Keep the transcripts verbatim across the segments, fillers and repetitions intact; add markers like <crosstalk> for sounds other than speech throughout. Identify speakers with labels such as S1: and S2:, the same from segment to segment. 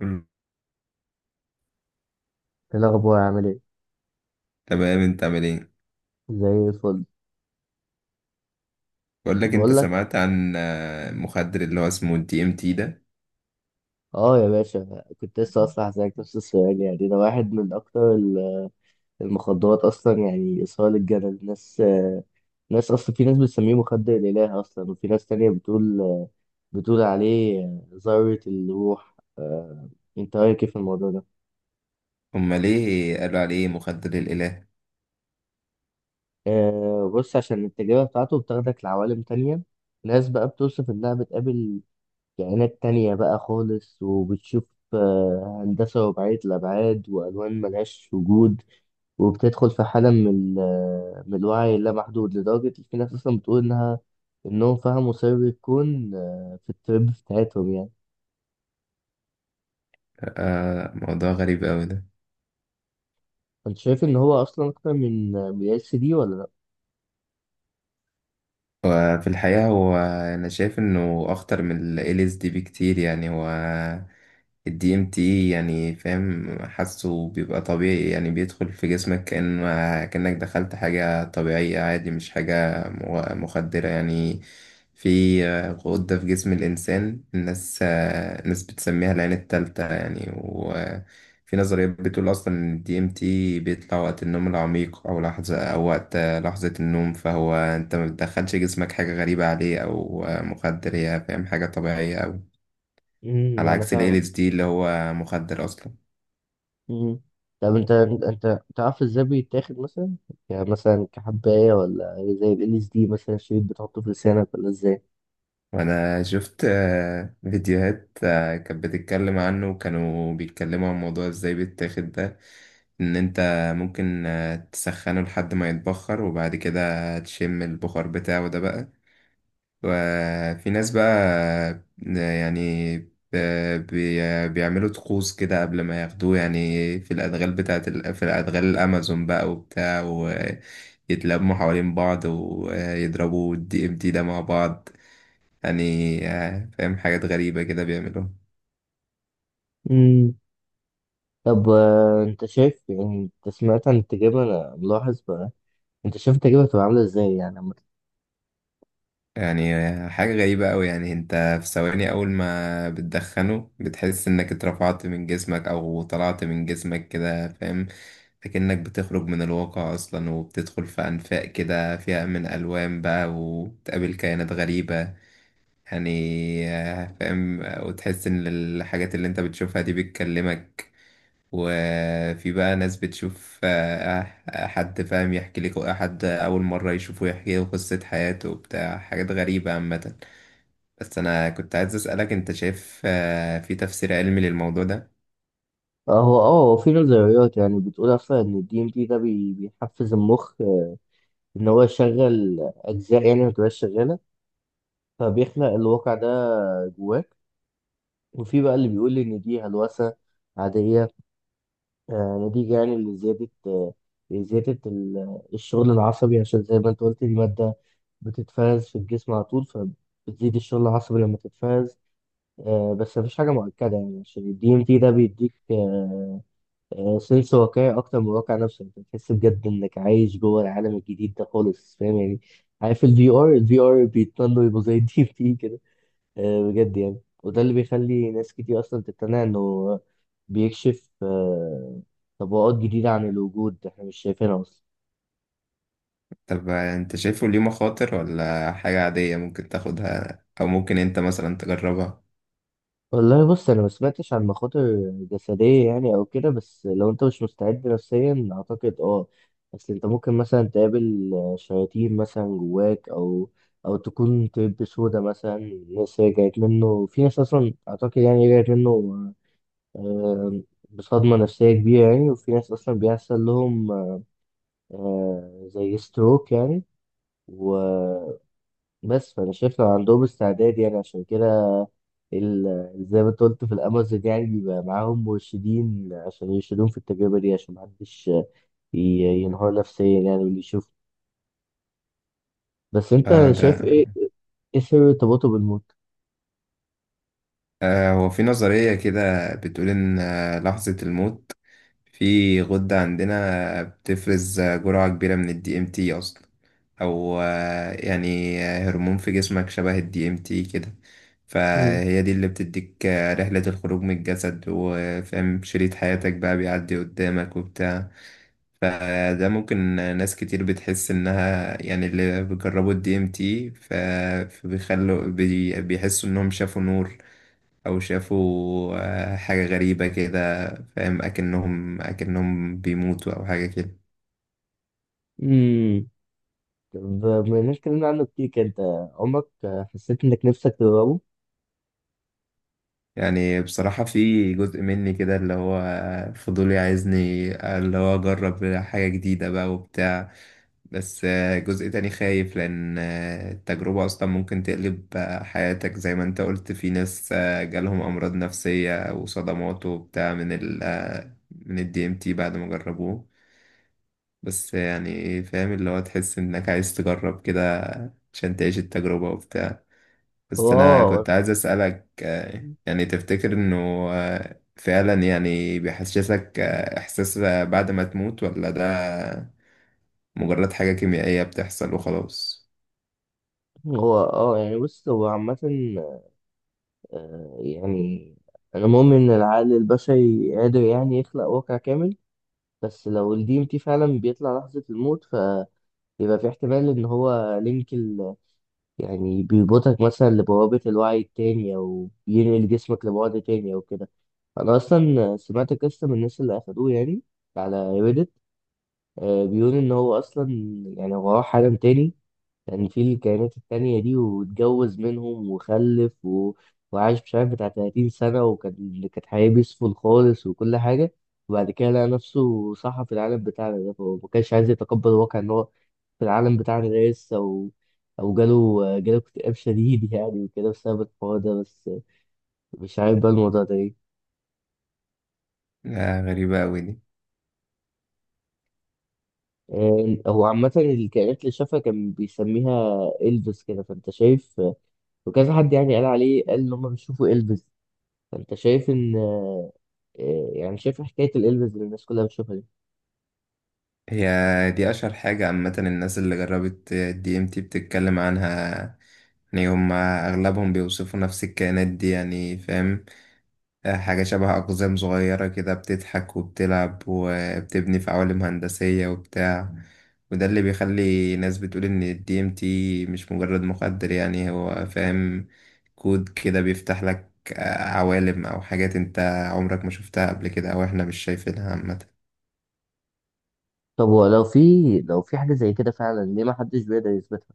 S1: مم.
S2: ايه الاخبار عامل ايه؟
S1: تمام، انت عامل ايه؟
S2: زي الفل.
S1: بقول لك، انت
S2: بقول لك
S1: سمعت عن آه، مخدر اللي هو اسمه الدي ام تي ده؟
S2: اه يا باشا، كنت لسه اصلا هسألك نفس السؤال، يعني ده واحد من اكتر ال- المخدرات، اصلا يعني اثاره للجدل الناس آه، ناس اصلا، في ناس بتسميه مخدر الاله اصلا، وفي ناس تانية بتقول بتقول عليه ذرة الروح آه، انت رايك إيه في الموضوع ده؟
S1: هما ليه قالوا عليه مخدر الاله؟
S2: آه، بص، عشان التجربة بتاعته بتاخدك لعوالم تانية، ناس بقى بتوصف انها بتقابل كائنات تانية بقى خالص، وبتشوف آه، هندسة رباعية الأبعاد، وألوان ملهاش وجود. وبتدخل في حالة من ال- آه، من الوعي اللامحدود، لدرجة إن في ناس أصلا بتقول إنها إنهم فهموا سر الكون آه، في الترب بتاعتهم يعني.
S1: آه، موضوع غريب قوي ده.
S2: أنت شايف إن هو أصلا أكتر من آه، من ال دي ولا لأ؟
S1: وفي الحقيقة هو، أنا شايف إنه أخطر من ال L S D بكتير، يعني هو ال دي إم تي، يعني فاهم، حاسه بيبقى طبيعي. يعني بيدخل في جسمك كأن كأنك دخلت حاجة طبيعية عادي، مش حاجة مغ- مخدرة يعني. في غدة في جسم الإنسان، الناس الناس بتسميها العين التالتة يعني، وفي نظريات بتقول أصلا إن ال D M T بيطلع وقت النوم العميق أو لحظة أو وقت لحظة النوم. فهو أنت ما بتدخلش جسمك حاجة غريبة عليه أو مخدر، هي فاهم، حاجة طبيعية أوي،
S2: امم
S1: على
S2: أنا
S1: عكس ال
S2: فاهمك.
S1: إل إس دي اللي هو مخدر أصلا.
S2: امم طب أنت أنت تعرف إزاي بيتاخد مثلا؟ يعني مثلا كحباية، ولا زي ال إل إس دي مثلا الشريط بتحطه في لسانك، ولا إزاي؟
S1: وأنا شفت آه، فيديوهات آه، كانت بتتكلم عنه، وكانوا بيتكلموا عن موضوع إزاي بيتاخد ده. إن أنت ممكن آه، تسخنه لحد ما يتبخر، وبعد كده تشم البخار بتاعه ده بقى. وفي ناس بقى يعني ب- بي- بيعملوا طقوس كده قبل ما ياخدوه، يعني في الأدغال بتاعت ال... في الأدغال الأمازون بقى وبتاع، ويتلموا حوالين بعض ويضربوا الدي ام دي ده مع بعض. يعني آه، فاهم، حاجات غريبة كده بيعملوها.
S2: طب، آه، انت شايف يعني، انت سمعت عن التجربة، انا ملاحظ بقى، انت شايف التجربة هتبقى عاملة ازاي يعني لما- تت-
S1: يعني حاجة غريبة أوي، يعني أنت في ثواني أول ما بتدخنه بتحس إنك اترفعت من جسمك أو طلعت من جسمك كده، فاهم. لكنك بتخرج من الواقع أصلا، وبتدخل في أنفاق كده فيها من ألوان بقى، وبتقابل كائنات غريبة. يعني آه، فاهم، وتحس إن الحاجات اللي أنت بتشوفها دي بتكلمك. وفي بقى ناس بتشوف آه، آه، حد فاهم، يحكي لك حد أول مرة يشوفه يحكي له قصة حياته وبتاع، حاجات غريبة عامة. بس انا كنت عايز اسالك، انت شايف آه، في تفسير علمي للموضوع ده؟
S2: اه هو اه هو في نظريات يعني بتقول اصلا ان الدي ام تي ده بي- بيحفز المخ آه، ان هو يشغل اجزاء يعني ما تبقاش شغالة، فبيخلق الواقع ده جواك. وفي بقى اللي بيقول ان دي هلوسة عادية، آه، نتيجة يعني لزيادة آه، زيادة ال- الشغل العصبي، عشان زي ما انت قلت دي مادة بتتفرز في الجسم على طول، فبتزيد الشغل العصبي لما تتفرز. آه، بس مفيش حاجة مؤكدة يعني، عشان ال دي ام تي ده بيديك سنس واقعي أكتر من الواقع نفسه، أنت بتحس بجد إنك عايش جوه العالم الجديد ده خالص، فاهم يعني؟ عارف ال في ار؟ ال في آر بيتمنوا يبقوا زي <laughs> ال دي إم تي كده. آه، بجد يعني، وده اللي بيخلي ناس كتير أصلا تقتنع إنه بيكشف آه، طبقات جديدة عن الوجود إحنا مش شايفينها أصلا.
S1: طب آه، انت شايفه ليه مخاطر ولا حاجه عاديه ممكن تاخدها او ممكن انت مثلا تجربها؟
S2: والله بص، انا ما سمعتش عن مخاطر جسديه يعني او كده، بس لو انت مش مستعد نفسيا اعتقد اه. بس انت ممكن مثلا تقابل شياطين مثلا جواك، او او تكون طيب سودا مثلا، ناس رجعت منه، في ناس اصلا اعتقد يعني رجعت منه آه، بصدمه نفسيه كبيره يعني. وفي ناس اصلا بيحصل لهم آه، زي ستروك يعني. بس فانا شايف لو عندهم استعداد يعني، عشان كده ال- زي ما انت قلت في الامازون، يعني بيبقى معاهم مرشدين عشان يرشدوهم في التجربه دي عشان محدش ي- ينهار نفسيا يعني، واللي يشوف. بس انت
S1: آه ده.
S2: شايف ايه؟ ايه سر ارتباطه بالموت؟
S1: آه، هو في نظرية كده بتقول إن آه، لحظة الموت، في غدة عندنا بتفرز آه، جرعة كبيرة من ال D M T أصلا، أو آه، يعني آه، هرمون في جسمك شبه ال دي إم تي كده.
S2: مم.
S1: فهي دي اللي بتديك آه، رحلة الخروج من الجسد، وفاهم، شريط حياتك بقى بيعدي قدامك وبتاع. فده ممكن، ناس كتير بتحس إنها يعني اللي بيجربوا ال دي إم تي، ف- فبيخلوا بي- بيحسوا إنهم شافوا نور او شافوا آه، حاجة غريبة كده، فاهم اكنهم اكنهم بيموتوا او حاجة كده.
S2: امم طب، بما اننا اتكلمنا عنه كتير كده، انت عمرك حسيت انك نفسك تجربه؟
S1: يعني بصراحة في جزء مني كده، اللي هو فضولي، عايزني اللي هو اجرب حاجة جديدة بقى وبتاع. بس آه، جزء تاني خايف، لان آه، التجربة اصلا ممكن تقلب آه، حياتك، زي ما انت قلت في ناس آه، جالهم امراض نفسية وصدمات وبتاع من ال آه، من الدي ام تي بعد ما جربوه. بس يعني إيه، فاهم اللي هو تحس انك عايز تجرب كده عشان تعيش التجربة وبتاع.
S2: هو
S1: بس انا كنت
S2: اه
S1: عايز اسألك، آه، يعني تفتكر انه آه، فعلا يعني بيحسسك آه، احساس بعد ما تموت، ولا ده مجرد حاجة كيميائية بتحصل وخلاص؟
S2: هو اه يعني بص، هو عامة آه، يعني أنا مؤمن إن العقل البشري قادر يعني يخلق واقع كامل. بس لو الدي ام تي فعلا بيطلع لحظة الموت، فيبقى في احتمال ان هو لينك ال... يعني بيربطك مثلا لبوابة الوعي التاني، او ينقل جسمك لبعد تاني او كده. انا اصلا سمعت قصة من الناس اللي اخدوه يعني على ريدت، بيقول ان هو اصلا يعني هو راح عالم تاني، كان في الكائنات التانية دي واتجوز منهم وخلف و... وعاش مش عارف بتاع تلاتين سنة، وكان كانت حياة بيسفل خالص وكل حاجة. وبعد كده لقى نفسه صحى في العالم بتاعنا ده، فهو ما كانش عايز يتقبل الواقع إن هو في العالم بتاعنا ده لسه، أو أو جاله جاله اكتئاب شديد يعني، وكده بسبب الحوار ده بس، مش عارف بقى الموضوع ده إيه.
S1: آه، غريبة اوي دي.
S2: آه، هو عامة الكائنات اللي شافها كان بيسميها إلفيس كده، فأنت شايف؟ وكذا حد يعني قال عليه، قال إن هما بيشوفوا إلفيس، فأنت شايف إن إيه، يعني شايف حكاية الإلبس اللي الناس كلها بتشوفها دي؟
S1: هي دي اشهر حاجة عامة، الناس اللي جربت الدي ام تي بتتكلم عنها، يعني هما اغلبهم بيوصفوا نفس الكائنات دي، يعني فاهم، آه، حاجة شبه أقزام صغيرة كده بتضحك وبتلعب وبتبني في عوالم هندسية وبتاع. وده اللي بيخلي ناس بتقول إن ال دي إم تي مش مجرد مخدر يعني، هو فاهم كود كده بيفتح لك آه، عوالم أو حاجات أنت عمرك ما شفتها قبل كده، أو إحنا مش شايفينها عامة.
S2: طب هو لو في لو في حاجة زي كده فعلا ليه ما حدش بيقدر يثبتها؟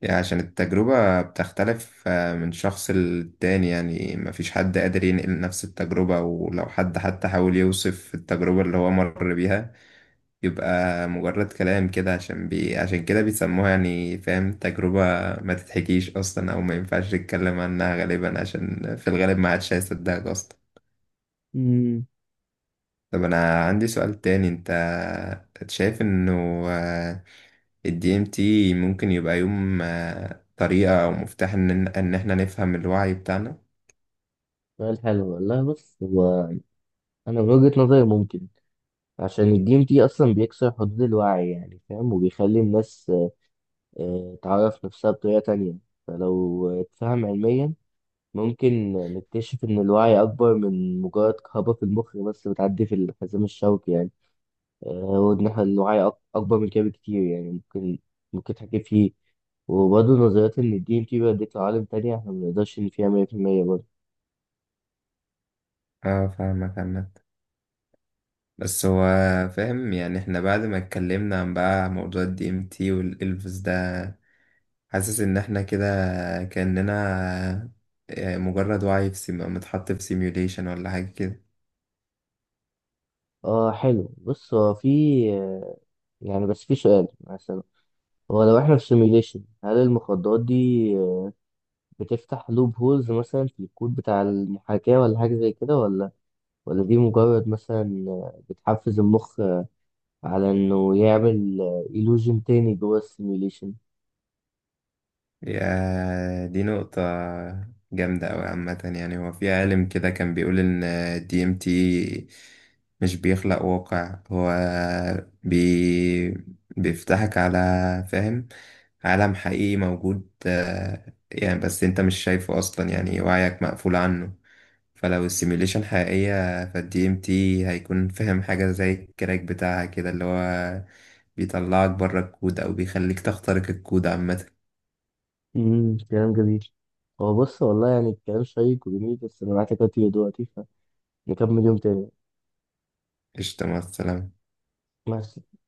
S1: يعني عشان التجربة بتختلف آه، من شخص للتاني، يعني مفيش حد قادر ينقل نفس التجربة، ولو حد حتى حاول يوصف التجربة اللي هو مر بيها يبقى مجرد كلام كده، عشان بي... عشان كده بيسموها يعني فاهم، تجربة ما تتحكيش أصلا أو ما ينفعش تتكلم عنها غالبا، عشان في الغالب ما عادش هيصدقك أصلا.
S2: امم
S1: طب أنا عندي سؤال تاني، أنت شايف إنه الدي ام تي ممكن يبقى يوم آه، طريقة أو مفتاح إن إن إحنا نفهم الوعي بتاعنا؟
S2: سؤال حلو والله، بص هو أنا من وجهة نظري ممكن، عشان الدي ام تي أصلا بيكسر حدود الوعي يعني فاهم، وبيخلي الناس آه، تعرف نفسها بطريقة تانية. فلو اتفهم علميا، ممكن نكتشف إن الوعي أكبر من مجرد كهرباء في المخ بس بتعدي في الحزام الشوكي يعني. آه، وإن إحنا الوعي أك- أكبر من كده بكتير يعني، ممكن ممكن تحكي فيه، وبرضه نظريات إن الدي إم تي بيوديك لعوالم تانية إحنا منقدرش إن فيها مية في المية برضه.
S1: اه، فاهمك عامة، بس هو فاهم يعني احنا بعد ما اتكلمنا عن بقى موضوع الدي ام تي والالفز ده، حاسس ان احنا كده كأننا آه، مجرد وعي في سيم... متحط في سيميوليشن ولا حاجة كده.
S2: آه حلو، بص هو في آه، يعني بس في سؤال مثلا، هو لو إحنا في سيميليشن، هل المخدرات دي آه، بتفتح لوب هولز مثلا في الكود بتاع المحاكاة، ولا حاجة زي كده، ولا ولا دي مجرد مثلا آه، بتحفز المخ على إنه يعمل إيلوجن تاني جوه السيميليشن؟
S1: يا دي نقطة جامدة أوي عامة، يعني هو في عالم كده كان بيقول إن الدي ام تي مش بيخلق واقع، هو بي... بيفتحك على، فاهم، عالم حقيقي موجود آه، يعني، بس انت مش شايفه أصلا، يعني وعيك مقفول عنه. فلو السيميوليشن حقيقية، فالدي ام تي هيكون فاهم حاجة زي الكراك بتاعها كده، اللي هو بيطلعك بره الكود أو بيخليك تخترق الكود عامة.
S2: امم كلام جميل. هو بص والله، يعني الكلام شيق وجميل، بس انا معاك دلوقتي دلوقتي، فنكمل يوم تاني.
S1: قشطة، مع السلامة.
S2: مع السلامة.